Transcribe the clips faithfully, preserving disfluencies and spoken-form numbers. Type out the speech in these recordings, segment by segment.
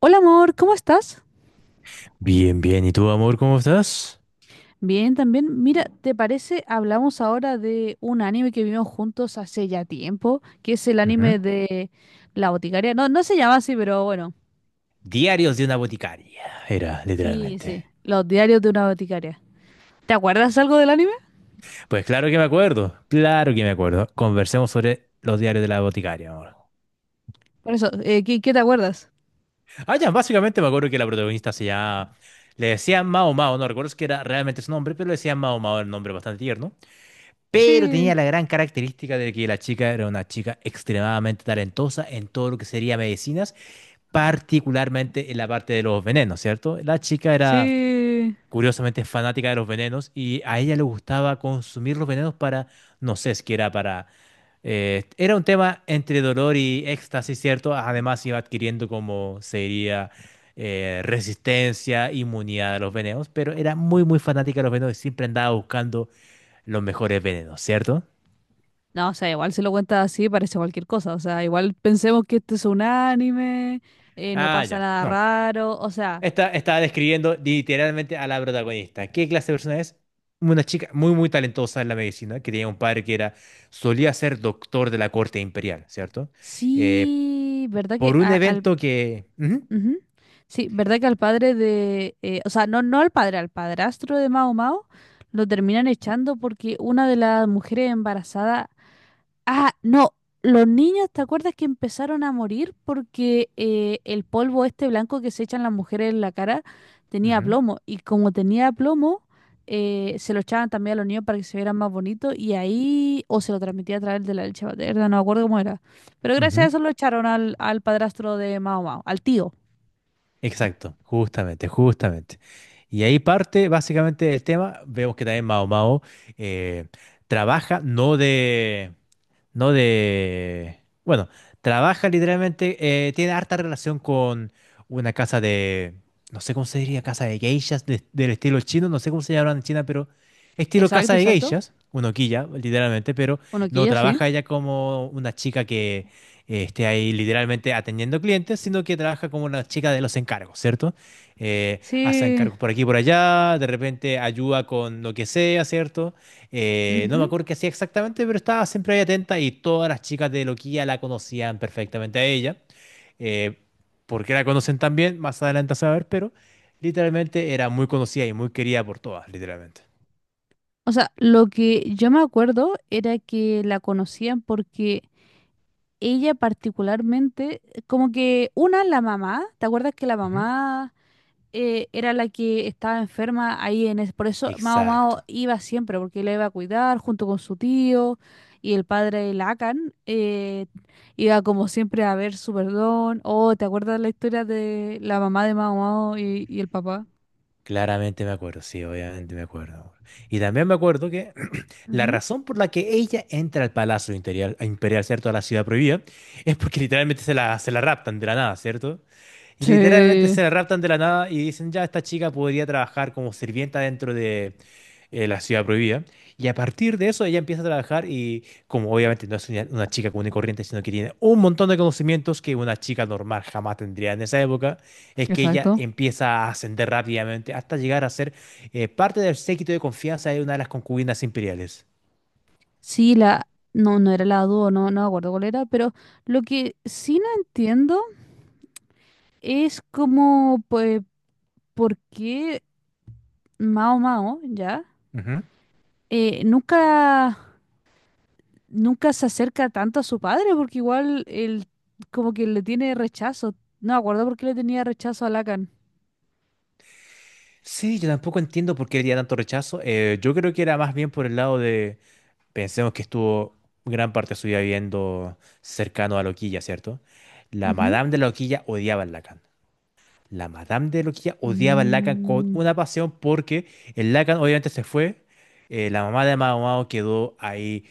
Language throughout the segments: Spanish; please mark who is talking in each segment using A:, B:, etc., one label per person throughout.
A: Hola amor, ¿cómo estás?
B: Bien, bien. ¿Y tú, amor, cómo estás?
A: Bien, también. Mira, ¿te parece? Hablamos ahora de un anime que vimos juntos hace ya tiempo, que es el
B: Ujú.
A: anime de La Boticaria. No, no se llama así, pero bueno.
B: Diarios de una boticaria, era
A: Sí, sí.
B: literalmente.
A: Los diarios de una boticaria. ¿Te acuerdas algo del anime?
B: Pues claro que me acuerdo, claro que me acuerdo. Conversemos sobre los diarios de la boticaria, amor.
A: Por eso, eh, ¿qué, qué te acuerdas?
B: Ah, ya, básicamente me acuerdo que la protagonista se llama... Le decían Mao Mao, no recuerdo si era realmente su nombre, pero le decían Mao Mao, era un nombre bastante tierno. Pero
A: Sí,
B: tenía la gran característica de que la chica era una chica extremadamente talentosa en todo lo que sería medicinas, particularmente en la parte de los venenos, ¿cierto? La chica era...
A: sí.
B: curiosamente es fanática de los venenos y a ella le gustaba consumir los venenos para, no sé, es que era para... eh, era un tema entre dolor y éxtasis, ¿cierto? Además iba adquiriendo como sería eh, resistencia, inmunidad a los venenos, pero era muy, muy fanática de los venenos y siempre andaba buscando los mejores venenos, ¿cierto?
A: No, o sea, igual se lo cuentas así, parece cualquier cosa. O sea, igual pensemos que este es un anime, eh, no
B: Ah,
A: pasa
B: ya,
A: nada
B: no.
A: raro. O sea,
B: Esta, estaba describiendo literalmente a la protagonista. ¿Qué clase de persona es? Una chica muy, muy talentosa en la medicina, que tenía un padre que era, solía ser doctor de la corte imperial, ¿cierto? Eh,
A: sí, ¿verdad que
B: por un
A: a- al
B: evento que... Ujú,
A: ujú? Sí, ¿verdad que al padre de, eh, o sea, no, no al padre, al padrastro de Mao Mao, lo terminan echando porque una de las mujeres embarazadas, ah, no, los niños, ¿te acuerdas que empezaron a morir porque eh, el polvo este blanco que se echan las mujeres en la cara tenía
B: ujú,
A: plomo? Y como tenía plomo, eh, se lo echaban también a los niños para que se vieran más bonitos y ahí, o se lo transmitía a través de la leche materna, no me acuerdo cómo era. Pero gracias a
B: ujú.
A: eso lo echaron al, al padrastro de Mao Mao, al tío.
B: Exacto, justamente, justamente. Y ahí parte básicamente el tema. Vemos que también Mao Mao eh, trabaja no de, no de, bueno, trabaja literalmente, eh, tiene harta relación con una casa de, no sé cómo se diría, casa de geishas de- del estilo chino, no sé cómo se llaman en China, pero estilo casa
A: Exacto,
B: de
A: exacto.
B: geishas, una quilla, literalmente, pero no
A: Onoquilla, sí.
B: trabaja ella como una chica que eh, esté ahí literalmente atendiendo clientes, sino que trabaja como una chica de los encargos, ¿cierto? Eh, hace
A: Sí.
B: encargos por aquí y por allá, de repente ayuda con lo que sea, ¿cierto? Eh, no me
A: Ujú.
B: acuerdo qué hacía exactamente, pero estaba siempre ahí atenta y todas las chicas de Loquía la conocían perfectamente a ella. Eh, ¿por qué la conocen tan bien? Más adelante a saber, pero literalmente era muy conocida y muy querida por todas, literalmente.
A: O sea, lo que yo me acuerdo era que la conocían porque ella particularmente, como que una, la mamá, ¿te acuerdas que la
B: Ujú.
A: mamá eh, era la que estaba enferma ahí en ese, por eso Mao Mao
B: Exacto.
A: iba siempre, porque la iba a cuidar junto con su tío y el padre Lacan eh, iba como siempre a ver su perdón? Oh, ¿te acuerdas la historia de la mamá de Mao Mao y, y el papá?
B: Claramente me acuerdo, sí, obviamente me acuerdo. Y también me acuerdo que la razón por la que ella entra al Palacio Imperial, Imperial, ¿cierto? A la Ciudad Prohibida, es porque literalmente se la, se la raptan de la nada, ¿cierto? Y literalmente
A: Sí,
B: se la raptan de la nada y dicen, ya, esta chica podría trabajar como sirvienta dentro de eh, la Ciudad Prohibida. Y a partir de eso ella empieza a trabajar y como obviamente no es una, una chica común y corriente, sino que tiene un montón de conocimientos que una chica normal jamás tendría en esa época es que ella
A: exacto.
B: empieza a ascender rápidamente hasta llegar a ser eh, parte del séquito de confianza de una de las concubinas imperiales.
A: Sí, la... No, no era la dúo, no, no me acuerdo cuál era, pero lo que sí no entiendo es como, pues, por qué Mao Mao, ¿ya?
B: Ujú.
A: Eh, nunca, nunca se acerca tanto a su padre, porque igual él como que le tiene rechazo. No me acuerdo por qué le tenía rechazo a Lacan.
B: Sí, yo tampoco entiendo por qué había tanto rechazo. Eh, yo creo que era más bien por el lado de, pensemos que estuvo gran parte de su vida viviendo cercano a la Loquilla, ¿cierto? La
A: Ujú.
B: Madame de la Loquilla odiaba a Lacan. La Madame de Loquilla odiaba al Lacan con
A: Mm,
B: una pasión porque el Lacan obviamente se fue. Eh, la mamá de Mao Mao quedó ahí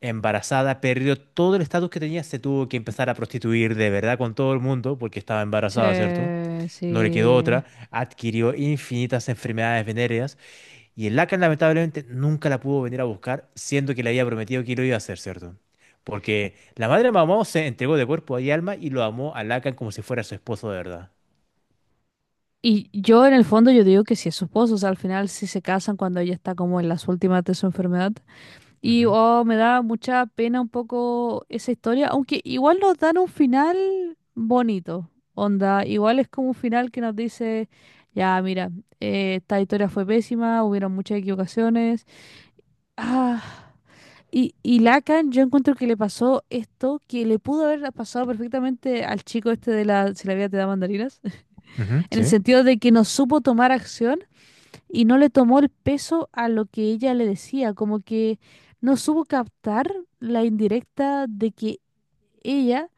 B: embarazada, perdió todo el estatus que tenía, se tuvo que empezar a prostituir de verdad con todo el mundo porque estaba embarazada, ¿cierto?
A: sí,
B: No le quedó
A: sí.
B: otra, adquirió infinitas enfermedades venéreas y el Lacan lamentablemente nunca la pudo venir a buscar, siendo que le había prometido que lo iba a hacer, ¿cierto? Porque la madre de Mao Mao se entregó de cuerpo y alma y lo amó a Lacan como si fuera su esposo de verdad.
A: Y yo en el fondo yo digo que sí es su esposo, o sea, al final sí se casan cuando ella está como en las últimas de su enfermedad. Y
B: Ujú.
A: oh, me da mucha pena un poco esa historia, aunque igual nos dan un final bonito, onda, igual es como un final que nos dice, ya, mira, eh, esta historia fue pésima, hubieron muchas equivocaciones. Ah, y, y Lacan, yo encuentro que le pasó esto, que le pudo haber pasado perfectamente al chico este de la, si la vida te da mandarinas,
B: Ujú,
A: en el
B: sí.
A: sentido de que no supo tomar acción y no le tomó el peso a lo que ella le decía, como que no supo captar la indirecta de que ella,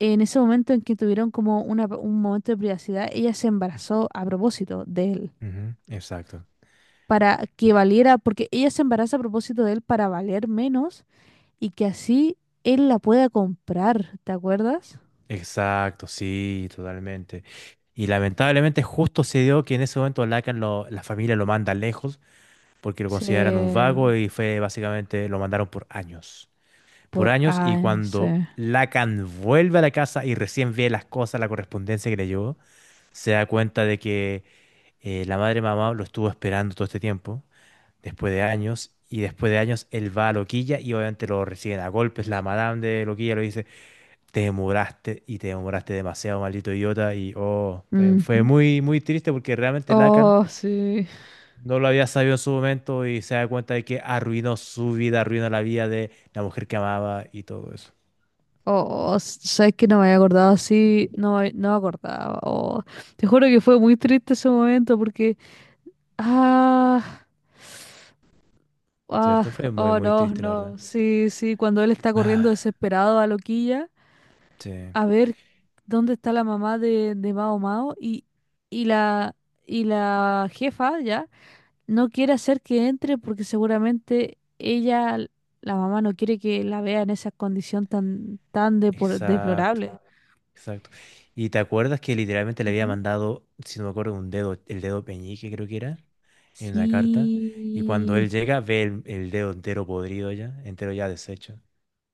A: en ese momento en que tuvieron como una- un momento de privacidad, ella se embarazó a propósito de él,
B: Ujú, exacto.
A: para que
B: Ex-
A: valiera, porque ella se embaraza a propósito de él para valer menos y que así él la pueda comprar, ¿te acuerdas?
B: Exacto, sí, totalmente. Y lamentablemente justo se dio que en ese momento Lacan lo, la familia lo manda lejos porque lo
A: Sí,
B: consideran un vago y fue básicamente lo mandaron por años. Por
A: por
B: años y cuando
A: A N C.
B: Lacan vuelve a la casa y recién ve las cosas, la correspondencia que le llegó, se da cuenta de que eh, la madre mamá lo estuvo esperando todo este tiempo, después de años. Y después de años él va a Loquilla y obviamente lo reciben a golpes. La madame de Loquilla lo dice, te demoraste y te demoraste demasiado, maldito idiota. Y oh, fue, fue
A: Ujú.
B: muy, muy triste porque realmente Lacan
A: Oh, sí.
B: no lo había sabido en su momento y se da cuenta de que arruinó su vida, arruinó la vida de la mujer que amaba y todo eso.
A: Oh, s- sabes que no me había acordado así, no, me- no me acordaba. Oh, te juro que fue muy triste ese momento porque, ah, ah,
B: ¿Cierto? Fue muy,
A: oh
B: muy
A: no,
B: triste, la
A: no,
B: verdad.
A: sí, sí, cuando él está corriendo
B: Ah,
A: desesperado a Loquilla
B: sí,
A: a ver dónde está la mamá de, de Mao Mao y, y la, y la jefa ya no quiere hacer que entre porque seguramente ella, la mamá, no quiere que la vea en esa condición tan, tan depor-
B: exacto,
A: deplorable.
B: exacto. ¿Y te acuerdas que literalmente le había
A: Ujú.
B: mandado, si no me acuerdo, un dedo, el dedo peñique creo que era, en una carta? Y cuando él
A: Sí,
B: llega ve el, el dedo entero podrido ya, entero ya deshecho.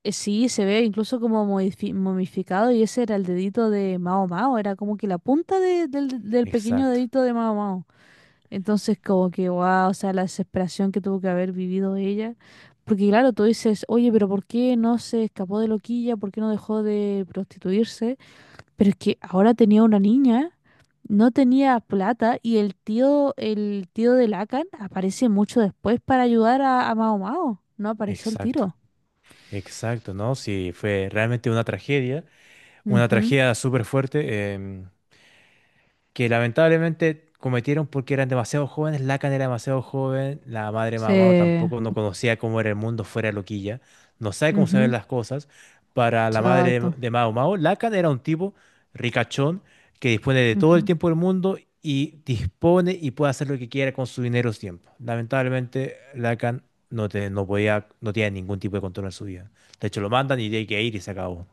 A: eh, sí, se ve incluso como modifi- momificado y ese era el dedito de Mao Mao, era como que la punta de- del, del pequeño
B: Exacto.
A: dedito de Mao Mao. Entonces como que, wow, o sea, la desesperación que tuvo que haber vivido ella. Porque claro, tú dices, oye, pero ¿por qué no se escapó de loquilla? ¿Por qué no dejó de prostituirse? Pero es que ahora tenía una niña, no tenía plata y el tío, el tío de Lacan aparece mucho después para ayudar a, a Mao Mao. No aparece el
B: Exacto,
A: tiro.
B: exacto, ¿no? Sí, fue realmente una tragedia, una
A: Ujú,
B: tragedia súper fuerte. Em, que lamentablemente cometieron porque eran demasiado jóvenes, Lacan era demasiado joven, la madre Mamao
A: Se...
B: tampoco no conocía cómo era el mundo fuera de Loquilla, no sabe cómo se ven
A: ujú,
B: las cosas. Para la madre
A: exacto.
B: de Mao Mao, Lacan era un tipo ricachón que dispone de todo el
A: Ujú.
B: tiempo del mundo y dispone y puede hacer lo que quiera con su dinero o su tiempo. Lamentablemente, Lacan no, te, no podía, no tenía ningún tipo de control en su vida. De hecho, lo mandan y tiene que ir y se acabó.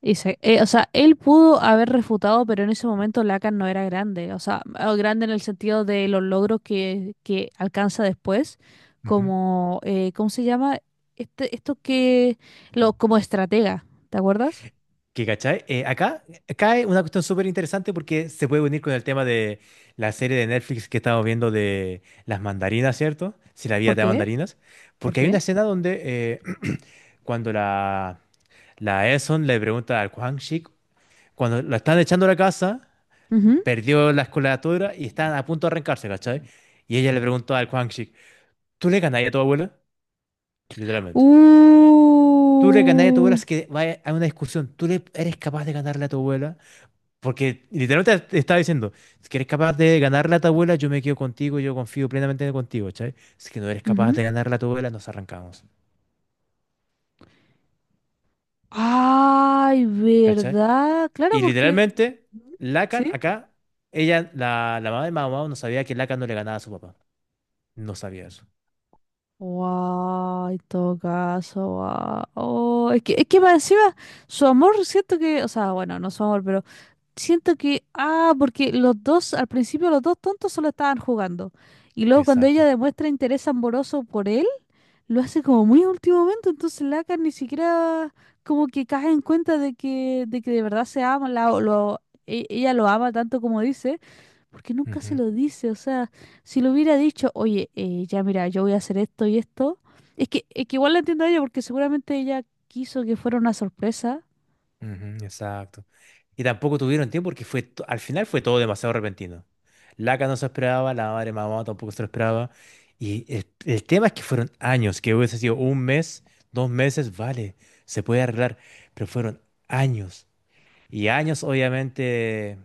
A: Y se- eh, o sea, él pudo haber refutado, pero en ese momento Lacan no era grande. O sea, ah, grande en el sentido de los logros que, que alcanza después,
B: Ujú.
A: como, eh, ¿cómo se llama? Este, esto que, lo, como estratega, ¿te acuerdas?
B: Que, ¿cachai? Eh, acá cae una cuestión súper interesante porque se puede unir con el tema de la serie de Netflix que estamos viendo de las mandarinas, ¿cierto? Si la vida
A: ¿Por
B: te da
A: qué?
B: mandarinas.
A: ¿Por
B: Porque hay una
A: qué?
B: escena donde eh, cuando la, la Eson le pregunta al Quang Shik, cuando lo están echando a la casa,
A: Ujú.
B: perdió la escolatura y están a punto de arrancarse, ¿cachai? Y ella le preguntó al Quang Shik, ¿tú le ganarías a tu abuela? Literalmente. ¿Tú le ganarías a tu abuela?
A: Uh,
B: Es que vaya a una discusión. ¿Tú le eres capaz de ganarle a tu abuela? Porque literalmente te estaba diciendo, si eres capaz de ganarle a tu abuela, yo me quedo contigo, yo confío plenamente contigo, ¿cachai? Si que no eres capaz
A: ujú.
B: de ganarle a tu abuela, nos arrancamos,
A: Ay,
B: ¿cachai?
A: ¿verdad? Claro,
B: Y
A: porque...
B: literalmente, Lacan,
A: Ujú.
B: acá, ella, la, la mamá de Mao Mao no sabía que Lacan no le ganaba a su papá. No sabía eso.
A: Wow, en todo caso, wow. Oh, es que, es que más encima, su amor, siento que, o sea, bueno, no su amor, pero siento que, ah, porque los dos, al principio los dos tontos solo estaban jugando. Y luego cuando ella
B: Exacto.
A: demuestra interés amoroso por él, lo hace como muy a último momento, entonces Lacan ni siquiera como que cae en cuenta de que, de que de verdad se ama, la- lo, e- ella lo ama tanto como dice. Porque nunca se
B: Ujú,
A: lo dice, o sea, si lo hubiera dicho, oye, eh, ya mira, yo voy a hacer esto y esto, es que, es que igual la entiendo a ella porque seguramente ella quiso que fuera una sorpresa.
B: ujú, exacto. Y tampoco tuvieron tiempo porque fue, to- al final fue todo demasiado repentino. Laca no se esperaba, la madre mamá tampoco se lo esperaba. Y el, el tema es que fueron años, que hubiese sido un mes, dos meses, vale, se puede arreglar, pero fueron años. Y años, obviamente.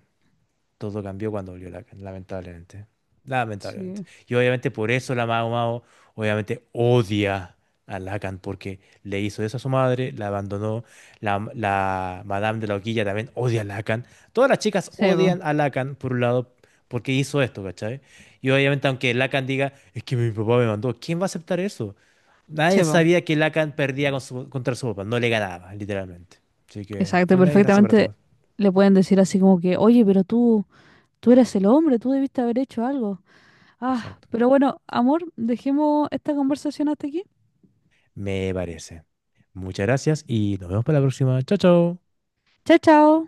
B: Todo cambió cuando volvió Lacan, lamentablemente. Lamentablemente.
A: Sí.
B: Y obviamente por eso la Mao Mao obviamente odia a Lacan porque le hizo eso a su madre, la abandonó. La, la Madame de la Hoquilla también odia a Lacan. Todas las chicas
A: Sebo,
B: odian a Lacan, por un lado, porque hizo esto, ¿cachai? Y obviamente aunque Lacan diga, es que mi papá me mandó, ¿quién va a aceptar eso? Nadie
A: sebo.
B: sabía que Lacan perdía con su- contra su papá, no le ganaba, literalmente. Así que
A: Exacto,
B: fue una desgracia para
A: perfectamente
B: todos.
A: le pueden decir así como que, oye, pero tú, tú eres el hombre, tú debiste haber hecho algo. Ah,
B: Exacto.
A: pero bueno, amor, dejemos esta conversación hasta aquí.
B: Me parece. Muchas gracias y nos vemos para la próxima. Chao, chao.
A: Chao, chao.